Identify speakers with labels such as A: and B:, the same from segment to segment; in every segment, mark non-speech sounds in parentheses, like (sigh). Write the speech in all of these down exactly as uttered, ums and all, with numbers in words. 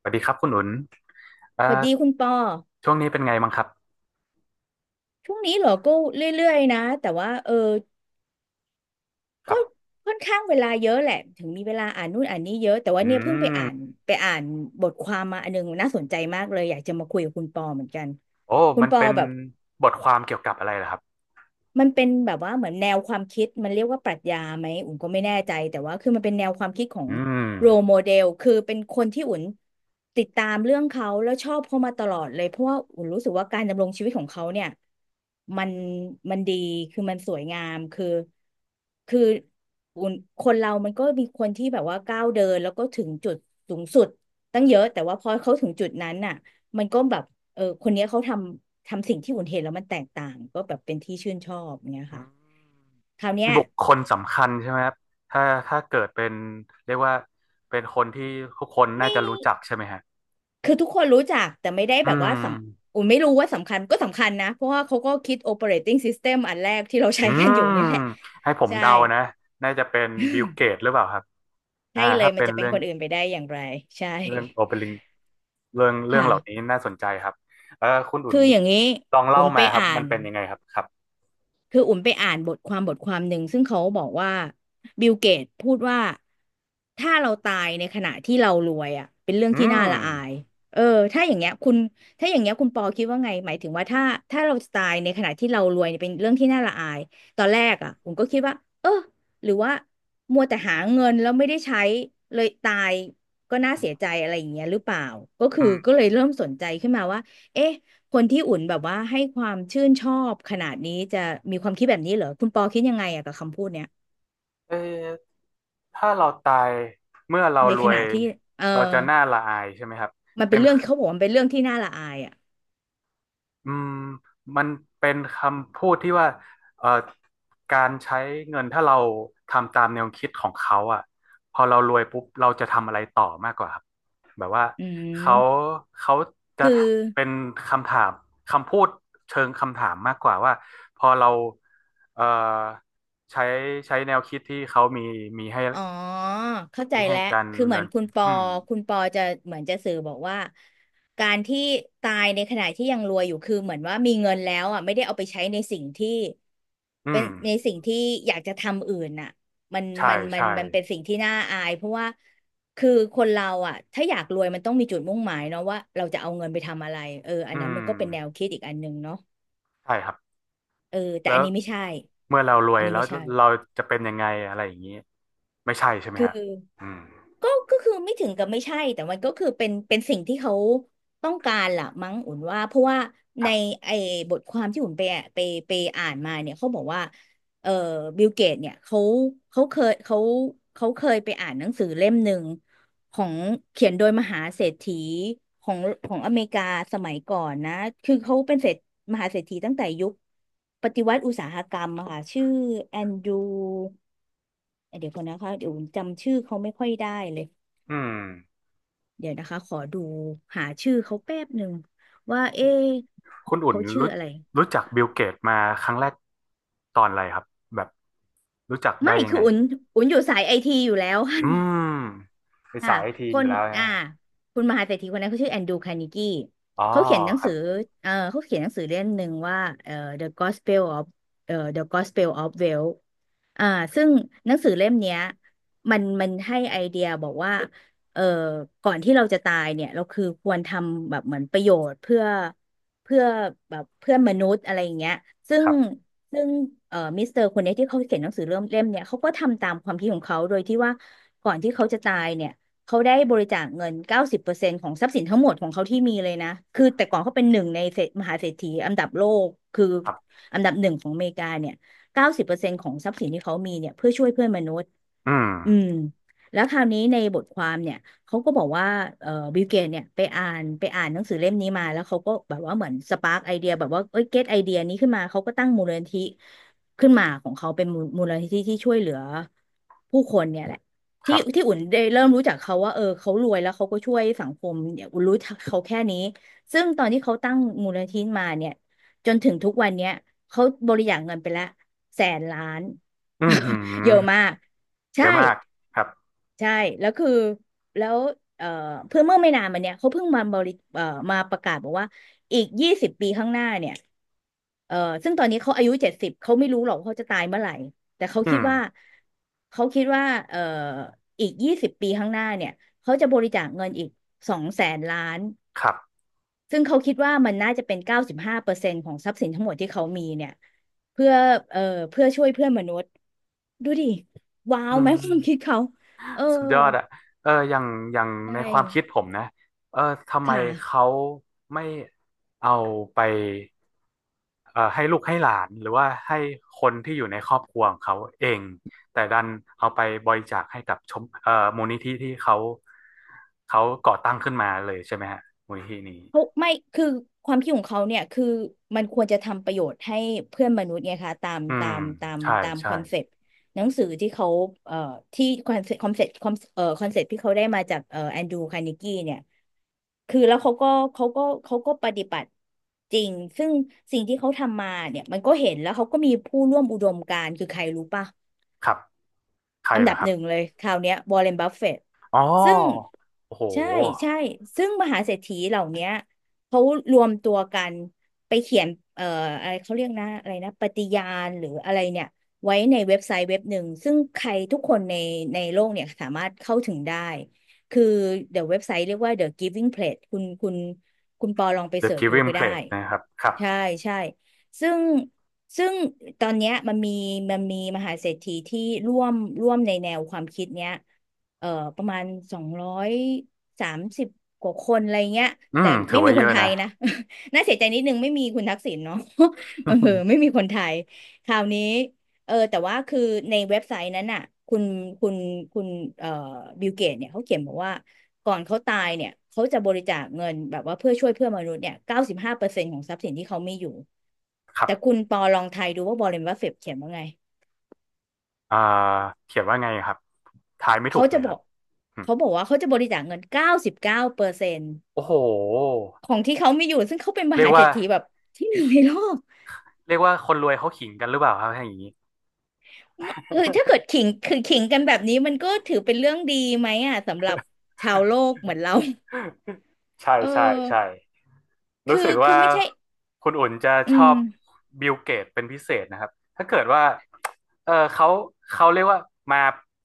A: สวัสดีครับคุณหนุนเอ่อ
B: สวัสดีคุณปอ
A: ช่วงนี้เป็นไงบ้างครับ
B: ช่วงนี้เหรอก็เรื่อยๆนะแต่ว่าเออ
A: ค
B: ก็
A: รับ
B: ค่อนข้างเวลาเยอะแหละถึงมีเวลาอ่านนู่นอ่านนี่เยอะแต่ว่า
A: อื
B: เนี่ยเพิ่งไป
A: ม
B: อ่านไปอ่านบทความมาอันนึงน่าสนใจมากเลยอยากจะมาคุยกับคุณปอเหมือนกัน
A: โอ้
B: คุณ
A: มัน
B: ปอ
A: เป็น
B: แบบ
A: บทความเกี่ยวกับอะไรเหรอครับ
B: มันเป็นแบบว่าเหมือนแนวความคิดมันเรียกว่าปรัชญาไหมอุ่นก็ไม่แน่ใจแต่ว่าคือมันเป็นแนวความคิดของ
A: อืม
B: โร m โมเดลคือเป็นคนที่อุ่นติดตามเรื่องเขาแล้วชอบเขามาตลอดเลยเพราะว่าอุ่นรู้สึกว่าการดำรงชีวิตของเขาเนี่ยมันมันดีคือมันสวยงามคือคืออุ่นคนเรามันก็มีคนที่แบบว่าก้าวเดินแล้วก็ถึงจุดสูงสุดตั้งเยอะแต่ว่าพอเขาถึงจุดนั้นน่ะมันก็แบบ เออคนเนี้ยเขาทำทำสิ่งที่อุ่นเห็นแล้วมันแตกต่างก็แบบเป็นที่ชื่นชอบเงี้ย
A: อื
B: ค่ะ
A: ม
B: คราว
A: เป็
B: เนี้
A: น
B: ย
A: บุคคลสำคัญใช่ไหมครับถ้าถ้าเกิดเป็นเรียกว่าเป็นคนที่ทุกคนน่า
B: ไม่
A: จะรู้จักใช่ไหมฮะ
B: คือทุกคนรู้จักแต่ไม่ได้
A: อื
B: แบบว่าส
A: ม
B: ำอุ่นไม่รู้ว่าสำคัญก็สำคัญนะเพราะว่าเขาก็คิด operating system อันแรกที่เรา
A: อื
B: ใช้กัน
A: ม
B: อยู่เนี่ยแหละ
A: ให้ผม
B: ใช่
A: เดานะน่าจะเป็นบิลเกตหรือเปล่าครับอ่า
B: ใช่เลย
A: ถ้า
B: มั
A: เป็
B: น
A: น
B: จะเป็น
A: เรื่อง
B: คนอื่นไปได้อย่างไรใช่
A: เรื่องโอเปริงเรื่องเรื่อง
B: ค่ะ
A: เหล่านี้น่าสนใจครับเออคุณอุ่น
B: คืออย่างนี้
A: ลองเล่า
B: อุ่นไป
A: มาครับ
B: อ่า
A: มัน
B: น
A: เป็นยังไงครับครับ
B: คืออุ่นไปอ่านบทความบทความหนึ่งซึ่งเขาบอกว่าบิลเกตพูดว่าถ้าเราตายในขณะที่เรารวยอ่ะเป็นเรื่อง
A: อื
B: ที่น่า
A: ม
B: ละอายเออถ้าอย่างเงี้ยคุณถ้าอย่างเงี้ยคุณปอคิดว่าไงหมายถึงว่าถ้าถ้าเราตายในขณะที่เรารวยเนี่ยเป็นเรื่องที่น่าละอายตอนแรกอ่ะผมก็คิดว่าเออหรือว่ามัวแต่หาเงินแล้วไม่ได้ใช้เลยตายก็น่าเสียใจอะไรอย่างเงี้ยหรือเปล่าก็คือ
A: อืม
B: ก็เลยเริ่มสนใจขึ้นมาว่าเอ๊ะ คนที่อุ่นแบบว่าให้ความชื่นชอบขนาดนี้จะมีความคิดแบบนี้เหรอคุณปอคิดยังไงอะกับคำพูดเนี้ย
A: เออถ้าเราตายเมื่อเรา
B: ใน
A: ร
B: ข
A: วย
B: ณะที่เออ
A: เราจะน่าละอายใช่ไหมครับ
B: มัน
A: เป็
B: เป็น
A: น
B: เรื่องเขาบอกว่ามันเป็นเรื่องที่น่าละอายอะ
A: อืมมันเป็นคำพูดที่ว่าเอ่อการใช้เงินถ้าเราทำตามแนวคิดของเขาอ่ะพอเรารวยปุ๊บเราจะทำอะไรต่อมากกว่าครับแบบว่า
B: อื
A: เขา
B: ม
A: เขาจะ
B: คือ
A: เป็นคำถามคำพูดเชิงคำถามมากกว่าว่าพอเราเอ่อใช้ใช้แนวคิดที่เขามีมีให้
B: อ๋อเข้าใจ
A: มีให้
B: แล้ว
A: การ
B: คือ
A: ดำ
B: เหมื
A: เนิ
B: อน
A: น
B: คุ
A: ชี
B: ณ
A: วิต
B: ปอ
A: อืม
B: คุณปอจะเหมือนจะสื่อบอกว่าการที่ตายในขณะที่ยังรวยอยู่คือเหมือนว่ามีเงินแล้วอ่ะไม่ได้เอาไปใช้ในสิ่งที่
A: อื
B: เป็น
A: ม
B: ในสิ่งที่อยากจะทำอื่นน่ะมัน
A: ใช่
B: มันมัน
A: ใช่
B: มันเป็นสิ่งที่น่าอายเพราะว่าคือคนเราอ่ะถ้าอยากรวยมันต้องมีจุดมุ่งหมายเนาะว่าเราจะเอาเงินไปทำอะไรเอออั
A: อื
B: นนั้นมันก็เป็นแนว
A: ม
B: คิดอีกอันหนึ่งเนาะ
A: ใช่ครับ
B: เออแต่
A: แล้
B: อัน
A: ว
B: นี้ไม่ใช่
A: เมื่อเรารว
B: อั
A: ย
B: นนี้
A: แล้ว
B: ไม่ใช่
A: เราจะเป็นยังไงอะไรอย่างนี้ไม่ใช่ใช่ไหม
B: คือ
A: ฮะอืม
B: ก็ก็คือไม่ถึงกับไม่ใช่ แต่มันก็คือเป็นเป็นสิ่งที่เขาต้องการล่ะมั้งอุ่นว่า เพราะว่า
A: ค
B: ใน
A: รับ
B: ไอ้บทความที่อุ่นไปอ่ะไปไปอ่านมาเนี่ยเขาบอกว่าเอ่อบิลเกตเนี่ยเขาเขาเคยเขาเขาเคยไปอ่านหนังสือเล่มหนึ่งของเขียนโดยมหาเศรษฐีของของอเมริกาสมัยก่อนนะ คือเขาเป็นเศรษฐมหาเศรษฐีตั้งแต่ยุคปฏิวัติอุตสาหกรรมอะค่ะชื่อแอนดรูเดี๋ยวก่อนนะคะเดี๋ยวอุ่นจำชื่อเขาไม่ค่อยได้เลย
A: อืม
B: เดี๋ยวนะคะ ขอดูหาชื่อเขาแป๊บหนึ่งว่าเอ๊ะ
A: คุณอุ่น
B: เขาชื่อ
A: รู้
B: อะไร
A: รู้จักบิลเกตมาครั้งแรกตอนอะไรครับแบบรู้จักได้
B: ไม่
A: ยัง
B: คือ
A: ไง
B: อุ่นอุ่นอยู่สายไอทีอยู่แล้ว (laughs)
A: อืมเป็น
B: ค่ะ
A: สายไอที
B: ค
A: อยู่
B: น
A: แล้วนะ
B: อ่าคุณมหาเศรษฐีคนนั้นเขาชื่อแอนดรูว์คาร์เนกี้
A: อ๋อ
B: เขาเขียนหนัง
A: ครั
B: สื
A: บ
B: อเออเขาเขียนหนังสือเล่มหนึ่งว่าเออ The Gospel of เออ The Gospel of Wealth อ่าซึ่งหนังสือเล่มเนี้ยมันมันให้ไอเดียบอกว่าเออก่อนที่เราจะตายเนี่ยเราคือควรทำแบบเหมือนประโยชน์เพื่อเพื่อแบบเพื่อนมนุษย์อะไรอย่างเงี้ยซึ่
A: ค
B: ง
A: รับ
B: ซึ่งเอ่อมิสเตอร์คนเนี้ยที่เขาเขียนหนังสือเล่มเล่มเนี่ยเขาก็ทำตามความคิดของเขาโดยที่ว่าก่อนที่เขาจะตายเนี่ย เขาได้บริจาคเงินเก้าสิบเปอร์เซ็นต์ของทรัพย์สินทั้งหมดของเขาที่มีเลยนะคือแต่ก่อนเขาเป็นหนึ่งในเศรษมหาเศรษฐีอันดับโลกคือ
A: ครับ
B: อันดับหนึ่งของอเมริกาเนี่ยเก้าสิบเปอร์เซ็นต์ของทรัพย์สินที่เขามีเนี่ยเพื่อช่วยเพื่อนมนุษย์
A: อื
B: อื
A: ม
B: มแล้วคราวนี้ในบทความเนี่ยเขาก็บอกว่าเอ่อบิลเกตเนี่ยไปอ่านไปอ่านหนังสือเล่มนี้มาแล้วเขาก็แบบว่าเหมือนสปาร์กไอเดียแบบว่าเอ้ยเก็ตไอเดียนี้ขึ้นมาเขาก็ตั้งมูลนิธิขึ้นมาของเขาเป็นมูมูลนิธิที่ช่วยเหลือผู้คนเนี่ยแหละ
A: ค
B: ที่
A: รั
B: ที่
A: บ
B: อุ่นได้เริ่มรู้จักเขาว่าเออเขารวยแล้วเขาก็ช่วยสังคมเนี่ยอุ่นรู้จักเขาแค่นี้ซึ่งตอนที่เขาตั้งมูลนิธิมาเนี่ยจนถึงทุกวันเนี้ยเขาบริจาคเงินไปละแสนล้าน
A: อืมหื
B: (laughs) เย
A: ม
B: อะมาก
A: เย
B: ใช่
A: อะมากครับ
B: ใช่แล้วคือแล้วเอ่อเพื่อเมื่อไม่นานมาเนี่ยเขาเพิ่งมาบริเอ่อมาประกาศบอกว่าอีกยี่สิบปีข้างหน้าเนี่ยเอ่อซึ่งตอนนี้เขาอายุเจ็ดสิบเขาไม่รู้หรอกว่าเขาจะตายเมื่อไหร่แต่เขา
A: อื
B: คิด
A: ม
B: ว่าเขาคิดว่าเอ่ออีกยี่สิบปีข้างหน้าเนี่ยเขาจะบริจาคเงินอีกสองแสนล้าน
A: ครับ
B: ซึ่งเขาคิดว่ามันน่าจะเป็นเก้าสิบห้าเปอร์เซ็นต์ของทรัพย์สินทั้งหมดที่เขามีเนี่ยเพื่อเอ่อเพื่อช่วยเพื่อนมนุษย์ดูดิว้าว
A: อื
B: ไหม
A: ม
B: ความคิดเขาเออ
A: สุดยอดอะเอออย่างอย่างใน
B: ใช่
A: ความคิดผมนะเออทำไม
B: ค่ะ
A: เขาไม่ เอาไปเอ่อให้ลูกให้หลานหรือว่าให้คนที่อยู่ในครอบครัวของเขาเองแต่ดันเอาไปบริจาคให้กับชมเอ่อมูลนิธิที่เขาเขาก่อตั้งขึ้นมาเลยใช่ไหมฮะมูลนิธินี้
B: เขาไม่คือความคิดของเขาเนี่ยคือมันควรจะทำประโยชน์ให้เพื่อนมนุษย์ไงคะตาม
A: อื
B: ตา
A: ม
B: มตาม
A: ใช่
B: ตาม
A: ใช่
B: คอนเซปต์หนังสือที่เขาเอ่อที่คอนเซปต์คอนเซปต์เอ่อคอนเซปต์ที่เขาได้มาจากเอ่อแอนดรูคาร์เนกีเนี่ยคือแล้วเขาก็เขาก็เขาก็ปฏิบัติจริงซึ่งสิ่งที่เขาทำมาเนี่ยมันก็เห็นแล้วเขาก็มีผู้ร่วมอุดมการณ์คือใครรู้ป่ะ
A: ครับใคร
B: อัน
A: เหร
B: ดั
A: อ
B: บ
A: ค
B: ห
A: รั
B: นึ่ง
A: บ
B: เลยคราวเนี้ยวอร์เรนบัฟเฟตต์
A: อ๋อ
B: ซึ่ง
A: โอ้โห
B: ใช่ใช่ซึ่งมหาเศรษฐีเหล่าเนี้ยเขารวมตัวกันไปเขียนเอ่ออะไรเขาเรียกนะอะไรนะปฏิญาณหรืออะไรเนี่ยไว้ในเว็บไซต์เว็บหนึ่งซึ่งใครทุกคนในในโลกเนี่ยสามารถเข้าถึงได้คือเดี๋ยวเว็บไซต์เรียกว่า เดอะ กิฟวิ่ง เพลจ คุณคุณคุณปอลองไป
A: The
B: เสิร์ชดู
A: Giving
B: ก็ได้
A: Pledge นะครับครับ
B: ใช่ใช่ซึ่ง ซึ่งตอนเนี้ยมันมีมันมีมหาเศรษฐีที่ร่วมร่วมในแนวความคิดเนี้ยเอ่อประมาณสองร้อยสามสิบกว่าคนอะไรเงี้ย
A: อื
B: แต่
A: มถื
B: ไม่
A: อ
B: มี
A: ว่าเย
B: คน
A: อะ
B: ไท
A: นะ
B: ยนะ (laughs) น่าเสียใจนิดนึงไม่มีคุณทักษิณเนาะ (laughs) เออไม่มีคนไทยคราวนี้ เออแต่ว่าคือในเว็บไซต์นั้นน่ะคุณคุณคุณเอ่อบิลเกตเนี่ยเขาเขียนบอกว่าก่อนเขาตายเนี่ยเขาจะบริจาคเงินแบบว่าเพื่อช่วยเพื่อนมนุษย์เนี่ยเก้าสิบห้าเปอร์เซ็นต์ของทรัพย์สินที่เขามีอยู่
A: (laughs) ครั
B: แต่คุ
A: บ
B: ณปอลองทายดูว่าบอเรนบัฟเฟตเขียนว่าไง
A: อ่าเขียนว่าไงครับทายไม่ถู
B: เขา
A: กเล
B: จะ
A: ย
B: บ
A: ค
B: อ
A: รับ
B: ก
A: อืม
B: เขาบอกว่าเขาจะบริจาคเงินเก้าสิบเก้าเปอร์เซ็นต์
A: โอ้โห
B: ของที่เขามีอยู่ซึ่งเขาเป็นม
A: เรีย
B: หา
A: ก
B: เศร
A: ว่า
B: ษฐีแบบที่หนึ่งในโลก
A: เรียกว่าคนรวยเขาขิงกันหรือเปล่าครับอย่างนี้
B: คือถ้าเกิดขิงคือขิงกันแบบนี้มันก็ถือเป็นเรื่องดีไหมอ่ะสำหรับชาวโลก
A: (laughs)
B: เหมือนเรา
A: ใช่
B: เออ
A: ใช่ใช่รู้
B: คื
A: สึ
B: อ
A: ก
B: คื
A: ว่า
B: อไม่ใช่
A: คุณอุ่นจะ
B: อื
A: ชอ
B: ม
A: บบิลเกตเป็นพิเศษนะครับถ้าเกิดว่าเออเขาเขาเรียกว่ามา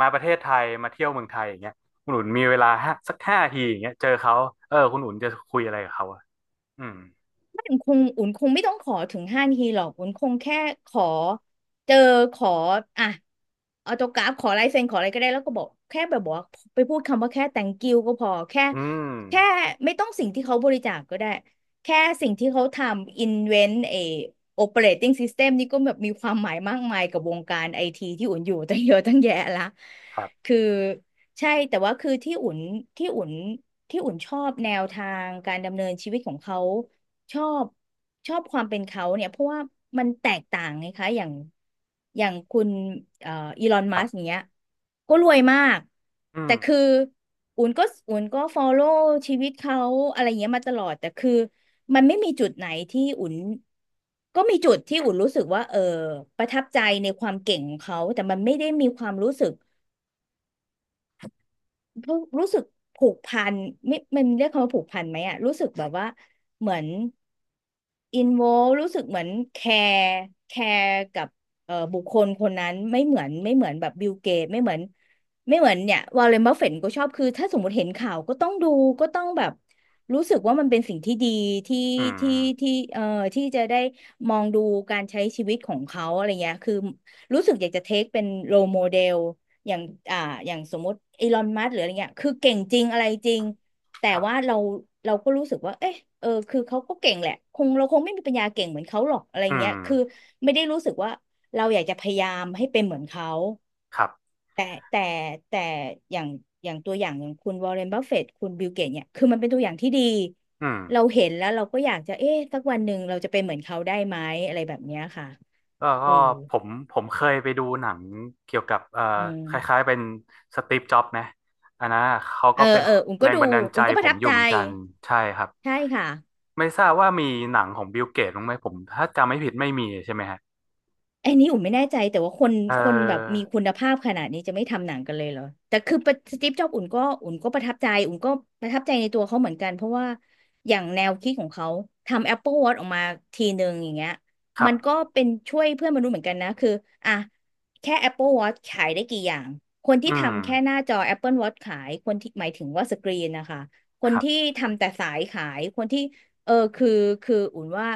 A: มาประเทศไทยมาเที่ยวเมืองไทยอย่างเงี้ยคุณอุ่นมีเวลาห้าสักห้าทีอย่างเงี้ยเจอเขาเออคุณอุ่นจะคุยอะไรกับเขาอะอืม
B: อุ่นคงอุ่นคงไม่ต้องขอถึงห้านาทีหรอกอุ่นคงแค่ขอเจอขออ่ะออโต้กราฟขอลายเซ็นขออะไรก็ได้แล้วก็บอกแค่แบบบอกว่าไปพูดคำว่าแค่ thank you ก็พอแค่
A: อืม
B: แค่ไม่ต้องสิ่งที่เขาบริจาคก็ได้แค่สิ่งที่เขาทำ invent เอ operating system นี่ก็แบบมีความหมายมากมายกับวงการไอทีที่อุ่นอยู่ตั้งเยอะตั้งแยะละ
A: ครับ
B: คือใช่แต่ว่าคือที่อุ่นที่อุ่นที่อุ่นชอบแนวทางการดำเนินชีวิตของเขา ชอบชอบความเป็นเขาเนี่ยเพราะว่ามันแตกต่างไงคะอย่างอย่างคุณเอ่ออีลอน
A: ค
B: มั
A: รับ
B: สก์เนี้ยก็รวยมาก
A: อื
B: แต่
A: ม
B: คืออุ่นก็อุ่นก็ฟอลโล่ชีวิตเขาอะไรเงี้ยมาตลอดแต่คือมันไม่มีจุดไหนที่อุ่นก็มีจุดที่อุ่นรู้สึกว่าเออประทับใจในความเก่งของเขาแต่มันไม่ได้มีความรู้สึก รู้รู้สึกผูกพันไม่มันเรียกคำว่าผูกพันไหมอะรู้สึกแบบว่าเหมือนอินโวรู้สึกเหมือนแคร์แคร์กับเอ่อบุคคลคนนั้นไม่เหมือนไม่เหมือนแบบบิลเกตไม่เหมือนไม่เหมือนเนี่ยวอร์เรนบัฟเฟตก็ชอบคือถ้าสมมติเห็นข่าวก็ต้องดูก็ต้องแบบรู้สึกว่ามันเป็นสิ่งที่ดีที่
A: อื
B: ที่
A: ม
B: ที่เอ่อที่จะได้มองดูการใช้ชีวิตของเขาอะไรเงี้ยคือรู้สึกอยากจะเทคเป็นโรโมเดล อย่างอ่าอย่างสมมติอีลอนมัสหรืออะไรเงี้ยคือเก่งจริงอะไรจริงแต่
A: ครั
B: ว่า
A: บ
B: เราเราก็รู้สึกว่าเอ๊ะเออคือเขาก็เก่งแหละคงเราคงไม่มีปัญญาเก่งเหมือนเขาหรอกอะไร
A: อื
B: เงี้ย
A: ม
B: คือไม่ได้รู้สึกว่าเราอยากจะพยายามให้เป็นเหมือนเขา
A: ครับ
B: แต่แต่แต่อย่างอย่างตัวอย่างอย่างคุณวอร์เรนบัฟเฟตต์คุณบิลเกตเนี่ยคือมันเป็นตัวอย่างที่ดี
A: อืม
B: เราเห็นแล้วเราก็อยากจะเอ๊ะสักวันหนึ่งเราจะเป็นเหมือนเขาได้ไหมอะไรแบบเนี้ยค่ะ
A: ก็
B: เอ
A: ก็
B: อ
A: ผมผมเคยไปดูหนังเกี่ยวกับเอ่อ
B: เอ
A: คล้า
B: อ
A: ยๆเป็นสตีฟจ็อบส์นะอันนั้นอะเขา
B: เอ
A: ก็
B: อ
A: เป็น
B: เอออุ้ม
A: แร
B: ก็
A: ง
B: ดู
A: บันดาลใจ
B: อุ้มก็ป
A: ผ
B: ระ
A: ม
B: ทับ
A: อยู่
B: ใจ
A: เหมือนกันใช่ครับ
B: ใช่ค่ะ
A: ไม่ทราบว่ามีหนังของบิลเกตบ้างไหมผมถ้าจำไม่ผิดไม่มีใช่ไหมฮะ
B: ไอ้นี่อุ่นไม่แน่ใจแต่ว่าคน
A: เ
B: คนแบบ
A: ออ
B: มีคุณภาพขนาดนี้จะไม่ทำหนังกันเลยเหรอแต่คือประสตีฟจ็อบอุ่นก็อุ่นก็ประทับใจอุ่นก็ประทับใจในตัวเขาเหมือนกันเพราะว่าอย่างแนวคิดของเขาทำ Apple Watch ออกมาทีหนึ่งอย่างเงี้ย
A: ครั
B: มั
A: บ
B: นก็เป็นช่วยเพื่อนมนุษย์เหมือนกันนะคืออ่ะแค่ Apple Watch ขายได้กี่อย่างคน
A: อื
B: ที่
A: ม
B: ทำแค่หน้าจอ Apple Watch ขายคนที่หมายถึงว่าสกรีนนะคะค
A: ค
B: น
A: รั
B: ที่
A: บ
B: ทำแต่สายขายคนที่เออคือคืออุ่นว่า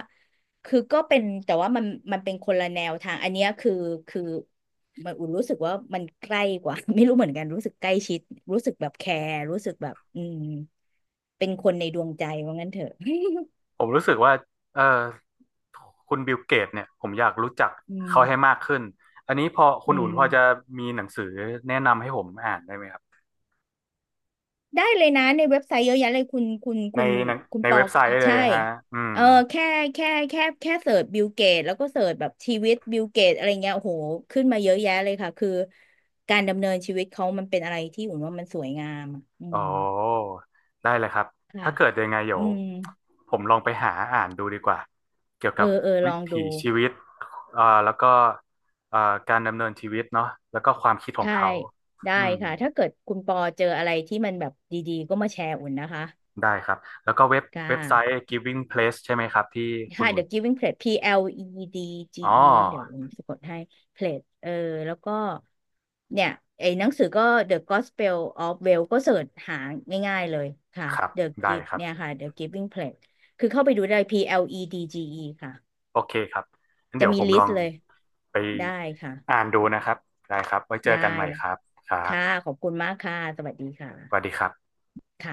B: คือก็เป็นแต่ว่ามันมันเป็นคนละแนวทางอันเนี้ยคือคือมันอุ่นรู้สึกว่ามันใกล้กว่า (laughs) ไม่รู้เหมือนกันรู้สึกใกล้ชิดรู้สึกแบบแคร์รู้สึกแบบอืมเป็นคนในดวงใจว่างั้นเถอะ
A: ผมรู้สึกว่าเออคุณบิลเกตเนี่ยผมอยากรู้จัก
B: (laughs) อืม
A: เขาให้มากขึ้นอันนี้พอคุ
B: อื
A: ณอุ่นพอจะ
B: ม
A: มีหนังสือแนะนำให้ผมอ่านได้ไหมครับ
B: ได้เลยนะในเว็บไซต์เยอะแยะเลยคุณคุณ
A: ใน
B: คุณ
A: หนัง
B: คุณ
A: ใน
B: ปอ
A: เว็บไซต์เลย
B: ใช่
A: ฮะอืม
B: เออแค่แค่แค่แค่เสิร์ชบิลเกตแล้วก็เสิร์ชแบบชีวิตบิลเกตอะไรเงี้ยโอ้โหขึ้นมาเยอะแยะเลยค่ะคือการดำเนินชีวิตเขามันเป็นอะไรที่อุ่นว่ามันสวยงามอะอื
A: อ๋อ
B: ม
A: ได้เลยครับ
B: ค่ะ
A: ถ้าเกิดยังไง
B: อื
A: เดี๋ยว
B: ม
A: ผมลองไปหาอ่านดูดีกว่า เกี่ยว
B: เอ
A: กับ
B: อเออล
A: วิ
B: อง
A: ถี
B: ดู
A: ชีวิตเอ่อแล้วก็เอ่อการดำเนินชีวิตเนาะแล้วก็ความคิดของ
B: ใช่
A: เขา
B: ได้
A: อืม
B: ค่ะ ถ้าเกิดคุณปอเจออะไรที่มันแบบดีๆก็มาแชร์อุ่นนะคะ
A: ได้ครับ แล้วก็เว็บ
B: ค่ะ
A: เว็บไซต์ Giving Place ใช่ไหมครับที่คุณ
B: ค่ะ
A: อุ่
B: The
A: น
B: Giving Plate P L E D G
A: อ๋
B: E มั้งเดี๋ยว
A: อ
B: อุ่นสะกดให้ Plate เออแล้วก็เนี่ย ไอ้หนังสือก็ เดอะ กอสเปล ออฟ เวลล์ ก็เสิร์ชหาง่ายๆเลยค่ะ
A: ครับ
B: The
A: ได้
B: Give
A: ครั
B: เนี่ย
A: บ
B: ค่ะ เดอะ กีฟวิ่ง เพลดจ์ คือเข้าไปดูได้ พี แอล อี ดี จี อี ค่ะ
A: โอเคครับงั้น
B: จะ
A: เดี๋ยว
B: มี
A: ผม
B: ลิ
A: ล
B: ส
A: อง
B: ต์เลย
A: ไป
B: ได้ค่ะ
A: อ่านดูนะครับ ได้ครับไว้เจอ
B: ได้
A: กันใหม่ครับครั
B: ค่ะ
A: บ
B: ขอบคุณมากค่ะ สวัสดีค่ะ
A: สวัสดีครับ